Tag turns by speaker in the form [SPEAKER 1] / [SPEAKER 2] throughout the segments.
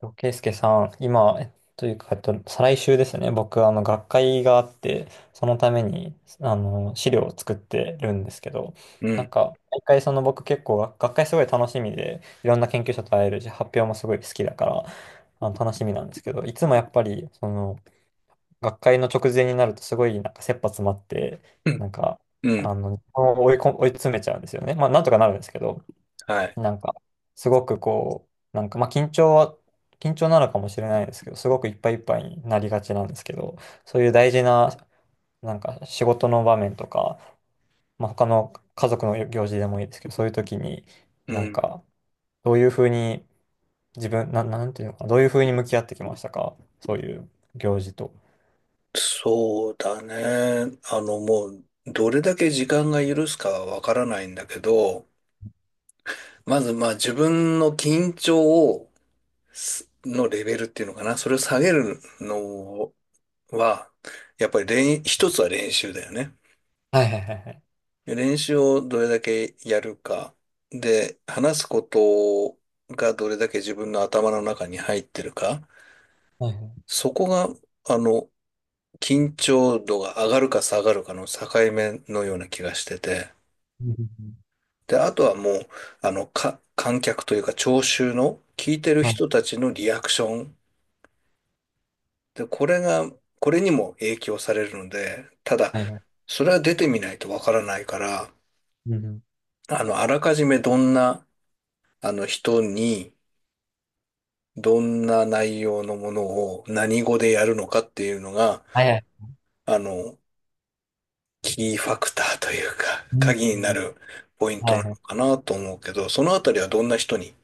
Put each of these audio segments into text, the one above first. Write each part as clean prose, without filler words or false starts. [SPEAKER 1] ケイスケさん、今、というか、えっと、再来週ですね。僕、学会があって、そのために、資料を作ってるんですけど、
[SPEAKER 2] う
[SPEAKER 1] なん
[SPEAKER 2] ん、
[SPEAKER 1] か、毎回、その僕結構、学会すごい楽しみで、いろんな研究者と会えるし、発表もすごい好きだから、楽しみなんですけど、いつもやっぱり、学会の直前になると、すごい、なんか、切羽詰まって、
[SPEAKER 2] う
[SPEAKER 1] な
[SPEAKER 2] ん、
[SPEAKER 1] んか、
[SPEAKER 2] うん、
[SPEAKER 1] 追い詰めちゃうんですよね。まあ、なんとかなるんですけど、
[SPEAKER 2] はい。
[SPEAKER 1] なんか、すごくこう、なんか、まあ、緊張は、緊張なのかもしれないですけど、すごくいっぱいいっぱいになりがちなんですけど、そういう大事な、なんか、仕事の場面とか、まあ、他の家族の行事でもいいですけど、そういう時に、
[SPEAKER 2] う
[SPEAKER 1] なん
[SPEAKER 2] ん、
[SPEAKER 1] か、どういうふうに、自分、な、なんていうのかな、どういうふうに向き合ってきましたか、そういう行事と。
[SPEAKER 2] そうだね。もう、どれだけ時間が許すかはわからないんだけど、まず、まあ、自分の緊張を、のレベルっていうのかな。それを下げるのは、やっぱり一つは練習だよね。
[SPEAKER 1] はいはいはいはい。
[SPEAKER 2] 練習をどれだけやるか。で、話すことがどれだけ自分の頭の中に入ってるか。
[SPEAKER 1] はいはい。
[SPEAKER 2] そこが、あの、緊張度が上がるか下がるかの境目のような気がしてて、
[SPEAKER 1] うんうんうん。
[SPEAKER 2] で、あとはもう、観客というか聴衆の聞いてる
[SPEAKER 1] はい
[SPEAKER 2] 人たちのリアクション。で、これが、これにも影響されるので、ただ、
[SPEAKER 1] はいはい。
[SPEAKER 2] それは出てみないとわからないから、
[SPEAKER 1] うんうん。
[SPEAKER 2] あらかじめどんな、人に、どんな内容のものを何語でやるのかっていうのが、
[SPEAKER 1] はいはい。
[SPEAKER 2] あの、キーファクターというか、
[SPEAKER 1] うん
[SPEAKER 2] 鍵に
[SPEAKER 1] う
[SPEAKER 2] な
[SPEAKER 1] ん。
[SPEAKER 2] るポイン
[SPEAKER 1] は
[SPEAKER 2] ト
[SPEAKER 1] い
[SPEAKER 2] な
[SPEAKER 1] は
[SPEAKER 2] の
[SPEAKER 1] い。
[SPEAKER 2] かなと思うけど、そのあたりはどんな人に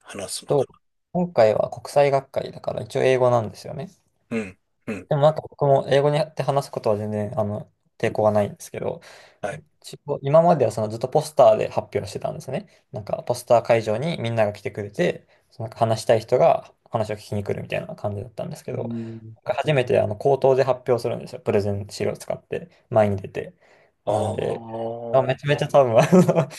[SPEAKER 2] 話すのか
[SPEAKER 1] と、今回は国際学会だから一応英語なんですよね。
[SPEAKER 2] な。うん、うん、
[SPEAKER 1] でも僕も英語にやって話すことは全然、抵抗はないんですけど、
[SPEAKER 2] はい。
[SPEAKER 1] 一応今まではそのずっとポスターで発表してたんですね。なんかポスター会場にみんなが来てくれて、その話したい人が話を聞きに来るみたいな感じだったんですけ
[SPEAKER 2] う
[SPEAKER 1] ど、
[SPEAKER 2] ん。
[SPEAKER 1] 初めて口頭で発表するんですよ。プレゼン資料を使って前に出て。なんで、
[SPEAKER 2] あ
[SPEAKER 1] まあ、めちゃめちゃ多分、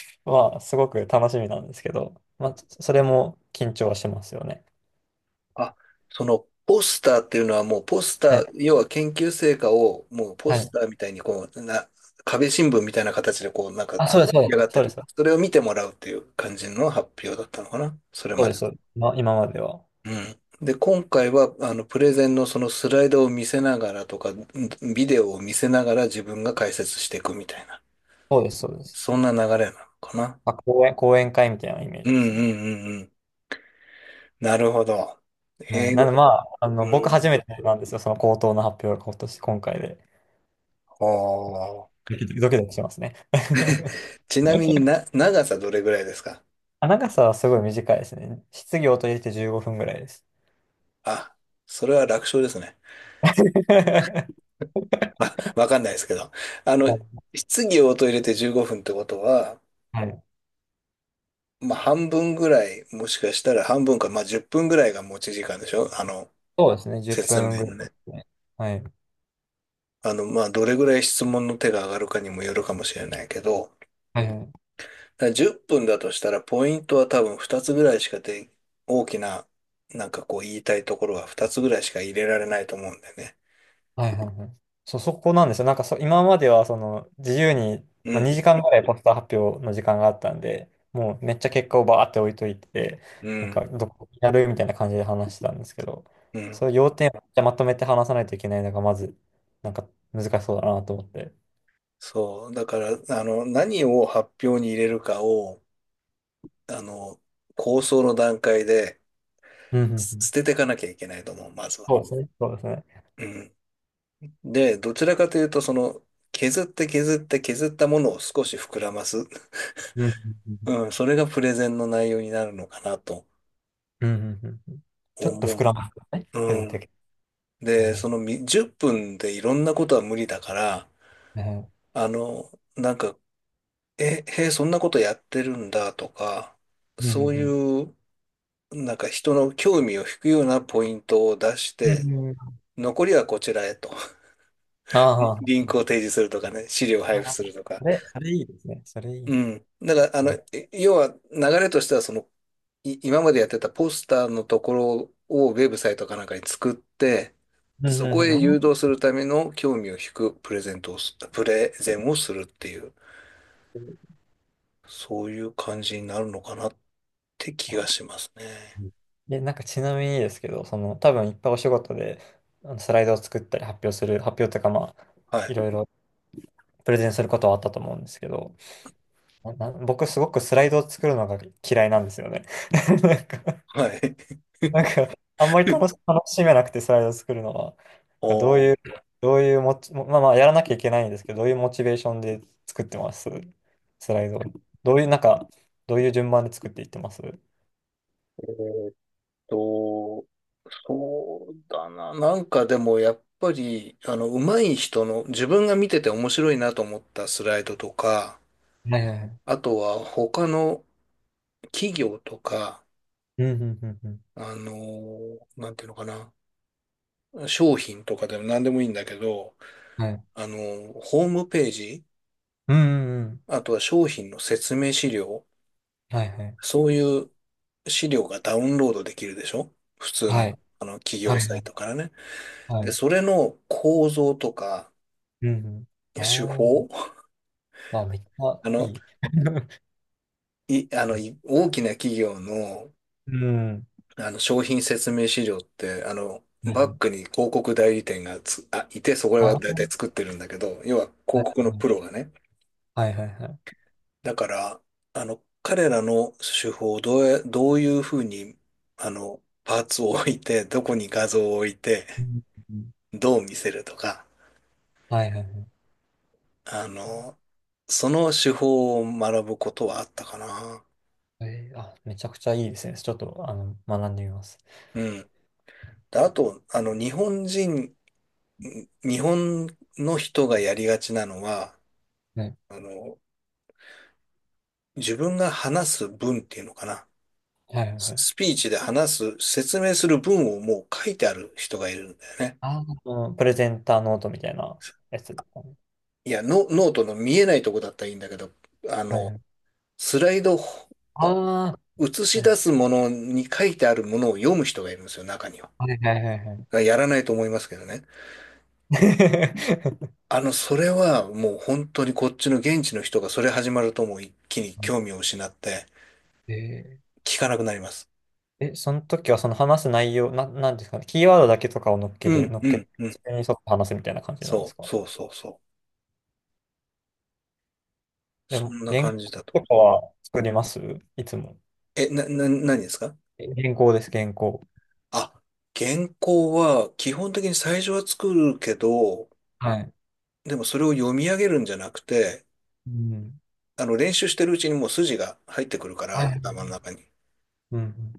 [SPEAKER 1] まあ、すごく楽しみなんですけど、まあ、それも緊張はしますよね。
[SPEAKER 2] あ、あ、そのポスターっていうのはもうポス
[SPEAKER 1] は
[SPEAKER 2] ター、
[SPEAKER 1] い。
[SPEAKER 2] 要は研究成果をもうポ
[SPEAKER 1] は
[SPEAKER 2] ス
[SPEAKER 1] い。
[SPEAKER 2] ターみたいに壁新聞みたいな形でこう、なんか
[SPEAKER 1] あ、そうです、
[SPEAKER 2] 出
[SPEAKER 1] そう
[SPEAKER 2] 来
[SPEAKER 1] です。
[SPEAKER 2] 上がって
[SPEAKER 1] そう
[SPEAKER 2] る。
[SPEAKER 1] です。
[SPEAKER 2] それを見てもらうっていう感じの発表だったのかな、それ
[SPEAKER 1] そう
[SPEAKER 2] ま
[SPEAKER 1] で
[SPEAKER 2] で。
[SPEAKER 1] す。まあ、今までは。
[SPEAKER 2] うん。で、今回は、あの、プレゼンのそのスライドを見せながらとか、ビデオを見せながら自分が解説していくみたいな、
[SPEAKER 1] そうです、そうです。
[SPEAKER 2] そんな流れなのかな。
[SPEAKER 1] まあ、講演会みたいなイメー
[SPEAKER 2] う
[SPEAKER 1] ジ
[SPEAKER 2] んう
[SPEAKER 1] で
[SPEAKER 2] んう
[SPEAKER 1] すね。
[SPEAKER 2] んうん。なるほど。
[SPEAKER 1] はい。
[SPEAKER 2] 英
[SPEAKER 1] な
[SPEAKER 2] 語。
[SPEAKER 1] ので、まあ、僕
[SPEAKER 2] う
[SPEAKER 1] 初
[SPEAKER 2] ん。
[SPEAKER 1] めてなんですよ、その口頭の発表が今回で。
[SPEAKER 2] ほー
[SPEAKER 1] ドキドキドキドキしますね。
[SPEAKER 2] ちなみに 長さどれぐらいですか？
[SPEAKER 1] あ、長さはすごい短いですね。質疑応答入れて15分ぐらいです。
[SPEAKER 2] あ、それは楽勝ですね。あ、わかんないですけど。あの、質疑応答入れて15分ってことは、
[SPEAKER 1] はい。
[SPEAKER 2] まあ半分ぐらい、もしかしたら半分か、まあ10分ぐらいが持ち時間でしょ？あの、
[SPEAKER 1] そうですね、10
[SPEAKER 2] 説明
[SPEAKER 1] 分ぐらい
[SPEAKER 2] の
[SPEAKER 1] で
[SPEAKER 2] ね。
[SPEAKER 1] すね。はい。
[SPEAKER 2] あの、まあ、どれぐらい質問の手が上がるかにもよるかもしれないけど、
[SPEAKER 1] はいはい
[SPEAKER 2] だから10分だとしたら、ポイントは多分2つぐらいしかで、大きな、なんかこう言いたいところは2つぐらいしか入れられないと思うんだよね。
[SPEAKER 1] はいはいはい。そう、そこなんですよ。なんかそ、今まではその自由に、
[SPEAKER 2] う
[SPEAKER 1] まあ、2時
[SPEAKER 2] ん、
[SPEAKER 1] 間ぐらいポスター発表の時間があったんで、もうめっちゃ結果をバーって置いといて、
[SPEAKER 2] う
[SPEAKER 1] なん
[SPEAKER 2] ん、
[SPEAKER 1] かどこにやるみたいな感じで話してたんですけど、
[SPEAKER 2] うん。
[SPEAKER 1] そういう要点をめっちゃまとめて話さないといけないのがまず、なんか難しそうだなと思って。
[SPEAKER 2] そう。だから、あの、何を発表に入れるかを、あの、構想の段階で
[SPEAKER 1] うんうんうん。
[SPEAKER 2] 捨てていかなきゃいけないと思う、まずは。
[SPEAKER 1] そうですね。そうですね。
[SPEAKER 2] うん。で、どちらかというと、その、削って削って削ったものを少し膨らます。
[SPEAKER 1] うんうんうん
[SPEAKER 2] うん、それがプレゼンの内容になるのかなと
[SPEAKER 1] うん。うんうんうん。ちょっ
[SPEAKER 2] 思
[SPEAKER 1] と膨
[SPEAKER 2] う。
[SPEAKER 1] らますよね。
[SPEAKER 2] う
[SPEAKER 1] 削ってい
[SPEAKER 2] ん。
[SPEAKER 1] け。う
[SPEAKER 2] で、
[SPEAKER 1] ん。
[SPEAKER 2] その10分でいろんなことは無理だから、
[SPEAKER 1] ね。
[SPEAKER 2] あの、なんか、え、へえ、そんなことやってるんだとか、
[SPEAKER 1] うんう
[SPEAKER 2] そう
[SPEAKER 1] んうん。
[SPEAKER 2] いう、なんか人の興味を引くようなポイントを出し
[SPEAKER 1] う
[SPEAKER 2] て、
[SPEAKER 1] んうん。
[SPEAKER 2] 残りはこちらへと。
[SPEAKER 1] あ
[SPEAKER 2] リ
[SPEAKER 1] あ。
[SPEAKER 2] ンクを提示するとかね、資料を配布
[SPEAKER 1] ああ。
[SPEAKER 2] するとか。
[SPEAKER 1] それ、それいいですね。それいい
[SPEAKER 2] う
[SPEAKER 1] な。
[SPEAKER 2] ん。だから、要は流れとしては、その、今までやってたポスターのところをウェブサイトかなんかに作って、
[SPEAKER 1] うん
[SPEAKER 2] そ
[SPEAKER 1] うん
[SPEAKER 2] こ
[SPEAKER 1] うん、
[SPEAKER 2] へ
[SPEAKER 1] あ
[SPEAKER 2] 誘
[SPEAKER 1] ー
[SPEAKER 2] 導するための興味を引くプレゼンをするっていう、そういう感じになるのかなって気が
[SPEAKER 1] あ、
[SPEAKER 2] しますね。
[SPEAKER 1] うん。で、なんかちなみにですけど、その、多分いっぱいお仕事で、あのスライドを作ったり発表というかまあ、
[SPEAKER 2] は
[SPEAKER 1] い
[SPEAKER 2] い。
[SPEAKER 1] ろいろプレゼンすることはあったと思うんですけど、僕すごくスライドを作るのが嫌いなんですよね。なんか、
[SPEAKER 2] はい。
[SPEAKER 1] なんかあんまり楽しめなくてスライドを作るのは、どう
[SPEAKER 2] おー、
[SPEAKER 1] いう、どういうモチ、まあまあ、やらなきゃいけないんですけど、どういうモチベーションで作ってますスライドを。どういう、なんか、どういう順番で作っていってますは
[SPEAKER 2] えーっと、そうだな。なんかでもやっぱり、あの、上手い人の、自分が見てて面白いなと思ったスライドとか、
[SPEAKER 1] いはいはい。
[SPEAKER 2] あとは他の企業とか、
[SPEAKER 1] うんうんうんうん。
[SPEAKER 2] なんていうのかな。商品とかでも何でもいいんだけど、
[SPEAKER 1] はい。
[SPEAKER 2] あの、ホームページ、
[SPEAKER 1] うんうんうん。
[SPEAKER 2] あとは商品の説明資料、
[SPEAKER 1] はいはい。
[SPEAKER 2] そういう資料がダウンロードできるでしょ？普通
[SPEAKER 1] は
[SPEAKER 2] の、
[SPEAKER 1] い。
[SPEAKER 2] あの企
[SPEAKER 1] は
[SPEAKER 2] 業
[SPEAKER 1] い
[SPEAKER 2] サ
[SPEAKER 1] は
[SPEAKER 2] イ
[SPEAKER 1] い
[SPEAKER 2] トからね。
[SPEAKER 1] は
[SPEAKER 2] で、
[SPEAKER 1] い。
[SPEAKER 2] それの構造とか
[SPEAKER 1] うんうん。
[SPEAKER 2] 手法、
[SPEAKER 1] あ ーあ、めっちゃ
[SPEAKER 2] あ
[SPEAKER 1] い
[SPEAKER 2] の、
[SPEAKER 1] い。
[SPEAKER 2] い、あの、い大きな企業の、
[SPEAKER 1] うん。
[SPEAKER 2] あの商品説明資料って、あの、
[SPEAKER 1] は
[SPEAKER 2] バ
[SPEAKER 1] い、
[SPEAKER 2] ックに広告代理店がいて、そこらが大
[SPEAKER 1] あ、
[SPEAKER 2] 体作ってるんだけど、要は
[SPEAKER 1] は
[SPEAKER 2] 広
[SPEAKER 1] い
[SPEAKER 2] 告
[SPEAKER 1] は
[SPEAKER 2] の
[SPEAKER 1] いは
[SPEAKER 2] プロ
[SPEAKER 1] い。
[SPEAKER 2] がね、
[SPEAKER 1] はいはいはい。
[SPEAKER 2] だから、あの、彼らの手法をどういうふうに、あの、パーツを置いて、どこに画像を置いて、
[SPEAKER 1] うんうん。
[SPEAKER 2] どう見せるとか、
[SPEAKER 1] はいはいはいはいはいはい。うんうん。
[SPEAKER 2] あの、その手法を学ぶことはあったかな。
[SPEAKER 1] あーあ、めっちゃいい。うん。あ、はいはいはいはい。うんうん。はいはいはい。えーあ、めちゃくちゃいいですね。ちょっと、あの、学んでみます。
[SPEAKER 2] うん。で、あと、あの、日本の人がやりがちなのは、
[SPEAKER 1] ね。
[SPEAKER 2] あの、自分が話す文っていうのかな。
[SPEAKER 1] はいはいはい。
[SPEAKER 2] スピーチで話す、説明する文をもう書いてある人がいるんだよね。
[SPEAKER 1] あー、あの、プレゼンターノートみたいなやつですかね。
[SPEAKER 2] いや、ノートの見えないとこだったらいいんだけど、あ
[SPEAKER 1] はい
[SPEAKER 2] の、
[SPEAKER 1] はい。
[SPEAKER 2] スライド
[SPEAKER 1] ああ、
[SPEAKER 2] 映し出
[SPEAKER 1] は
[SPEAKER 2] すものに書いてあるものを読む人がいるんですよ、中には。
[SPEAKER 1] いはいはいはいはい。
[SPEAKER 2] やらないと思いますけどね。あの、それはもう本当にこっちの現地の人がそれ始まるともう一気に興味を 失って
[SPEAKER 1] えー、
[SPEAKER 2] 聞かなくなります。
[SPEAKER 1] え、その時はその話す内容、なんですかね、キーワードだけとかを
[SPEAKER 2] うん、
[SPEAKER 1] 乗っ
[SPEAKER 2] う
[SPEAKER 1] けて、
[SPEAKER 2] ん、うん。
[SPEAKER 1] それに沿って話すみたいな感じなんで
[SPEAKER 2] そ
[SPEAKER 1] す
[SPEAKER 2] う、
[SPEAKER 1] か。
[SPEAKER 2] そう、そう、そう。
[SPEAKER 1] で
[SPEAKER 2] そ
[SPEAKER 1] も、
[SPEAKER 2] んな
[SPEAKER 1] 原
[SPEAKER 2] 感じだ
[SPEAKER 1] 稿
[SPEAKER 2] と。
[SPEAKER 1] とかは作りますいつも。
[SPEAKER 2] え、何ですか？
[SPEAKER 1] え、原稿です、原稿。
[SPEAKER 2] あ、原稿は基本的に最初は作るけど、
[SPEAKER 1] はい。
[SPEAKER 2] でもそれを読み上げるんじゃなくて、
[SPEAKER 1] うん。
[SPEAKER 2] あの、練習してるうちにもう筋が入ってくるか
[SPEAKER 1] は
[SPEAKER 2] ら、
[SPEAKER 1] い。
[SPEAKER 2] 頭の中に。
[SPEAKER 1] うん。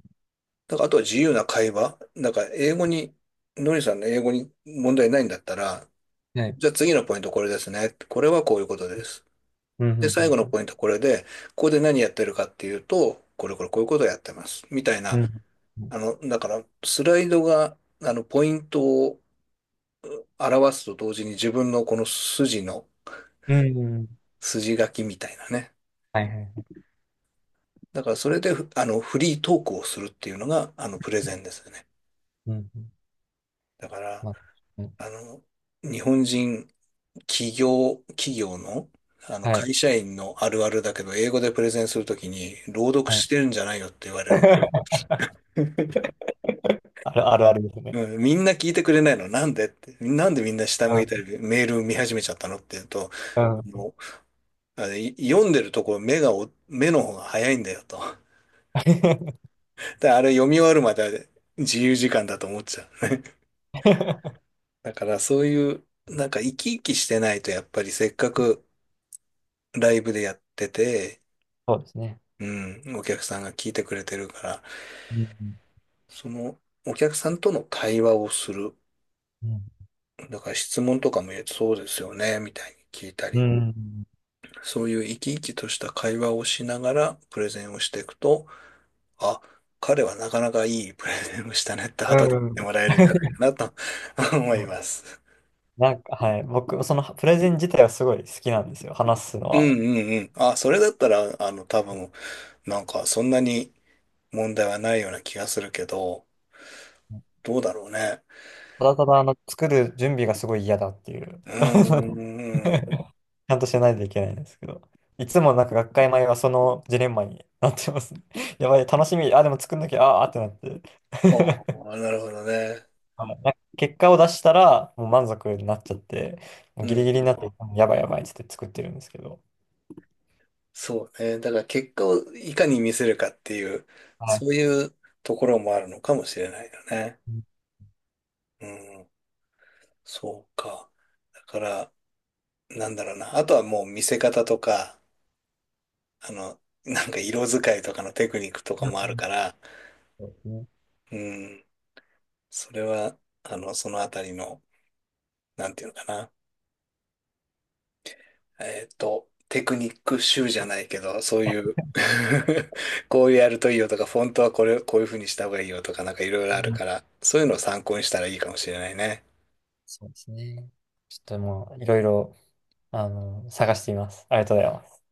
[SPEAKER 2] だから、あとは自由な会話。だから、英語に、のりさんの英語に問題ないんだったら、
[SPEAKER 1] はい。
[SPEAKER 2] じゃあ次のポイントこれですね。これはこういうことです。
[SPEAKER 1] うん。う
[SPEAKER 2] で、最後の
[SPEAKER 1] ん。
[SPEAKER 2] ポイントこれで、ここで何やってるかっていうと、これこれこういうことをやってます。みたい
[SPEAKER 1] う
[SPEAKER 2] な、
[SPEAKER 1] ん。うん。
[SPEAKER 2] あの、だから、スライドが、あの、ポイントを表すと同時に自分のこの筋の、
[SPEAKER 1] うんうん。
[SPEAKER 2] 筋書きみたいなね。
[SPEAKER 1] はいはい。
[SPEAKER 2] だから、それで、ふあの、フリートークをするっていうのが、あの、プレゼンですよね。
[SPEAKER 1] うん。
[SPEAKER 2] だから、
[SPEAKER 1] まあ、うん。
[SPEAKER 2] あの、日本人、企業、企業の、あの、
[SPEAKER 1] はい。
[SPEAKER 2] 会社員のあるあるだけど、英語でプレゼンするときに、朗読
[SPEAKER 1] はい。
[SPEAKER 2] してるんじゃないよって言われる。
[SPEAKER 1] あるあるあるですね。
[SPEAKER 2] うん、みんな聞いてくれないのなんでって。なんでみんな下向いた
[SPEAKER 1] う
[SPEAKER 2] り、メール見始めちゃったのって言うと、
[SPEAKER 1] ん。うん。
[SPEAKER 2] もう、あれ、読んでるとこ目の方が早いんだよと。で、あれ読み終わるまで自由時間だと思っちゃう。だからそういう、なんか生き生きしてないと、やっぱりせっかくライブでやってて、
[SPEAKER 1] そうですね。
[SPEAKER 2] うん、お客さんが聞いてくれてるから、
[SPEAKER 1] うん。
[SPEAKER 2] そのお客さんとの対話をする。
[SPEAKER 1] うん。
[SPEAKER 2] だから質問とかもそうですよね、みたいに聞いた
[SPEAKER 1] う
[SPEAKER 2] り、
[SPEAKER 1] ん。
[SPEAKER 2] そういう生き生きとした会話をしながらプレゼンをしていくと、あ、彼はなかなかいいプレゼンをしたねって後で
[SPEAKER 1] う
[SPEAKER 2] 言って
[SPEAKER 1] ん。
[SPEAKER 2] もらえるんじゃな いかなと 思
[SPEAKER 1] う
[SPEAKER 2] い
[SPEAKER 1] ん。
[SPEAKER 2] ます。
[SPEAKER 1] なんか、はい。僕、そのプレゼン自体はすごい好きなんですよ。話すのは。
[SPEAKER 2] うん。あ、それだったら、あの、多分、なんかそんなに問題はないような気がするけど、どうだろうね。
[SPEAKER 1] ただただ、あの、作る準備がすごい嫌だっていう。
[SPEAKER 2] うん、うん
[SPEAKER 1] ち
[SPEAKER 2] うん
[SPEAKER 1] ゃんとしないといけないんですけど。いつもなんか学会前はそのジレンマになってますね。やばい、楽しみ。あ、でも作んなきゃ、ああーってなって。
[SPEAKER 2] ああ、なるほどね。
[SPEAKER 1] はい、なんか結果を出したら、もう満足になっちゃって、も
[SPEAKER 2] う
[SPEAKER 1] うギリギリに
[SPEAKER 2] ん。
[SPEAKER 1] なって、やばいやばいって言って作ってるんですけど。
[SPEAKER 2] そうね。だから結果をいかに見せるかっていう、
[SPEAKER 1] はい。
[SPEAKER 2] そういうところもあるのかもしれないよね。
[SPEAKER 1] うん
[SPEAKER 2] うん。そうか。だから、なんだろうな。あとはもう見せ方とか、あの、なんか色使いとかのテクニックとか
[SPEAKER 1] う
[SPEAKER 2] もあるか
[SPEAKER 1] ん。
[SPEAKER 2] ら、
[SPEAKER 1] そうですね。
[SPEAKER 2] うん。それは、あの、そのあたりの、なんていうのかな。えっと、テクニック集じゃないけど、そういう こういうやるといいよとか、フォントはこれ、こういう風にした方がいいよとか、なんかいろいろ
[SPEAKER 1] う
[SPEAKER 2] ある
[SPEAKER 1] ん。
[SPEAKER 2] から、そういうのを参考にしたらいいかもしれないね。
[SPEAKER 1] そうですね。ちょっともう、いろいろ、あの、探しています。ありがとうございます。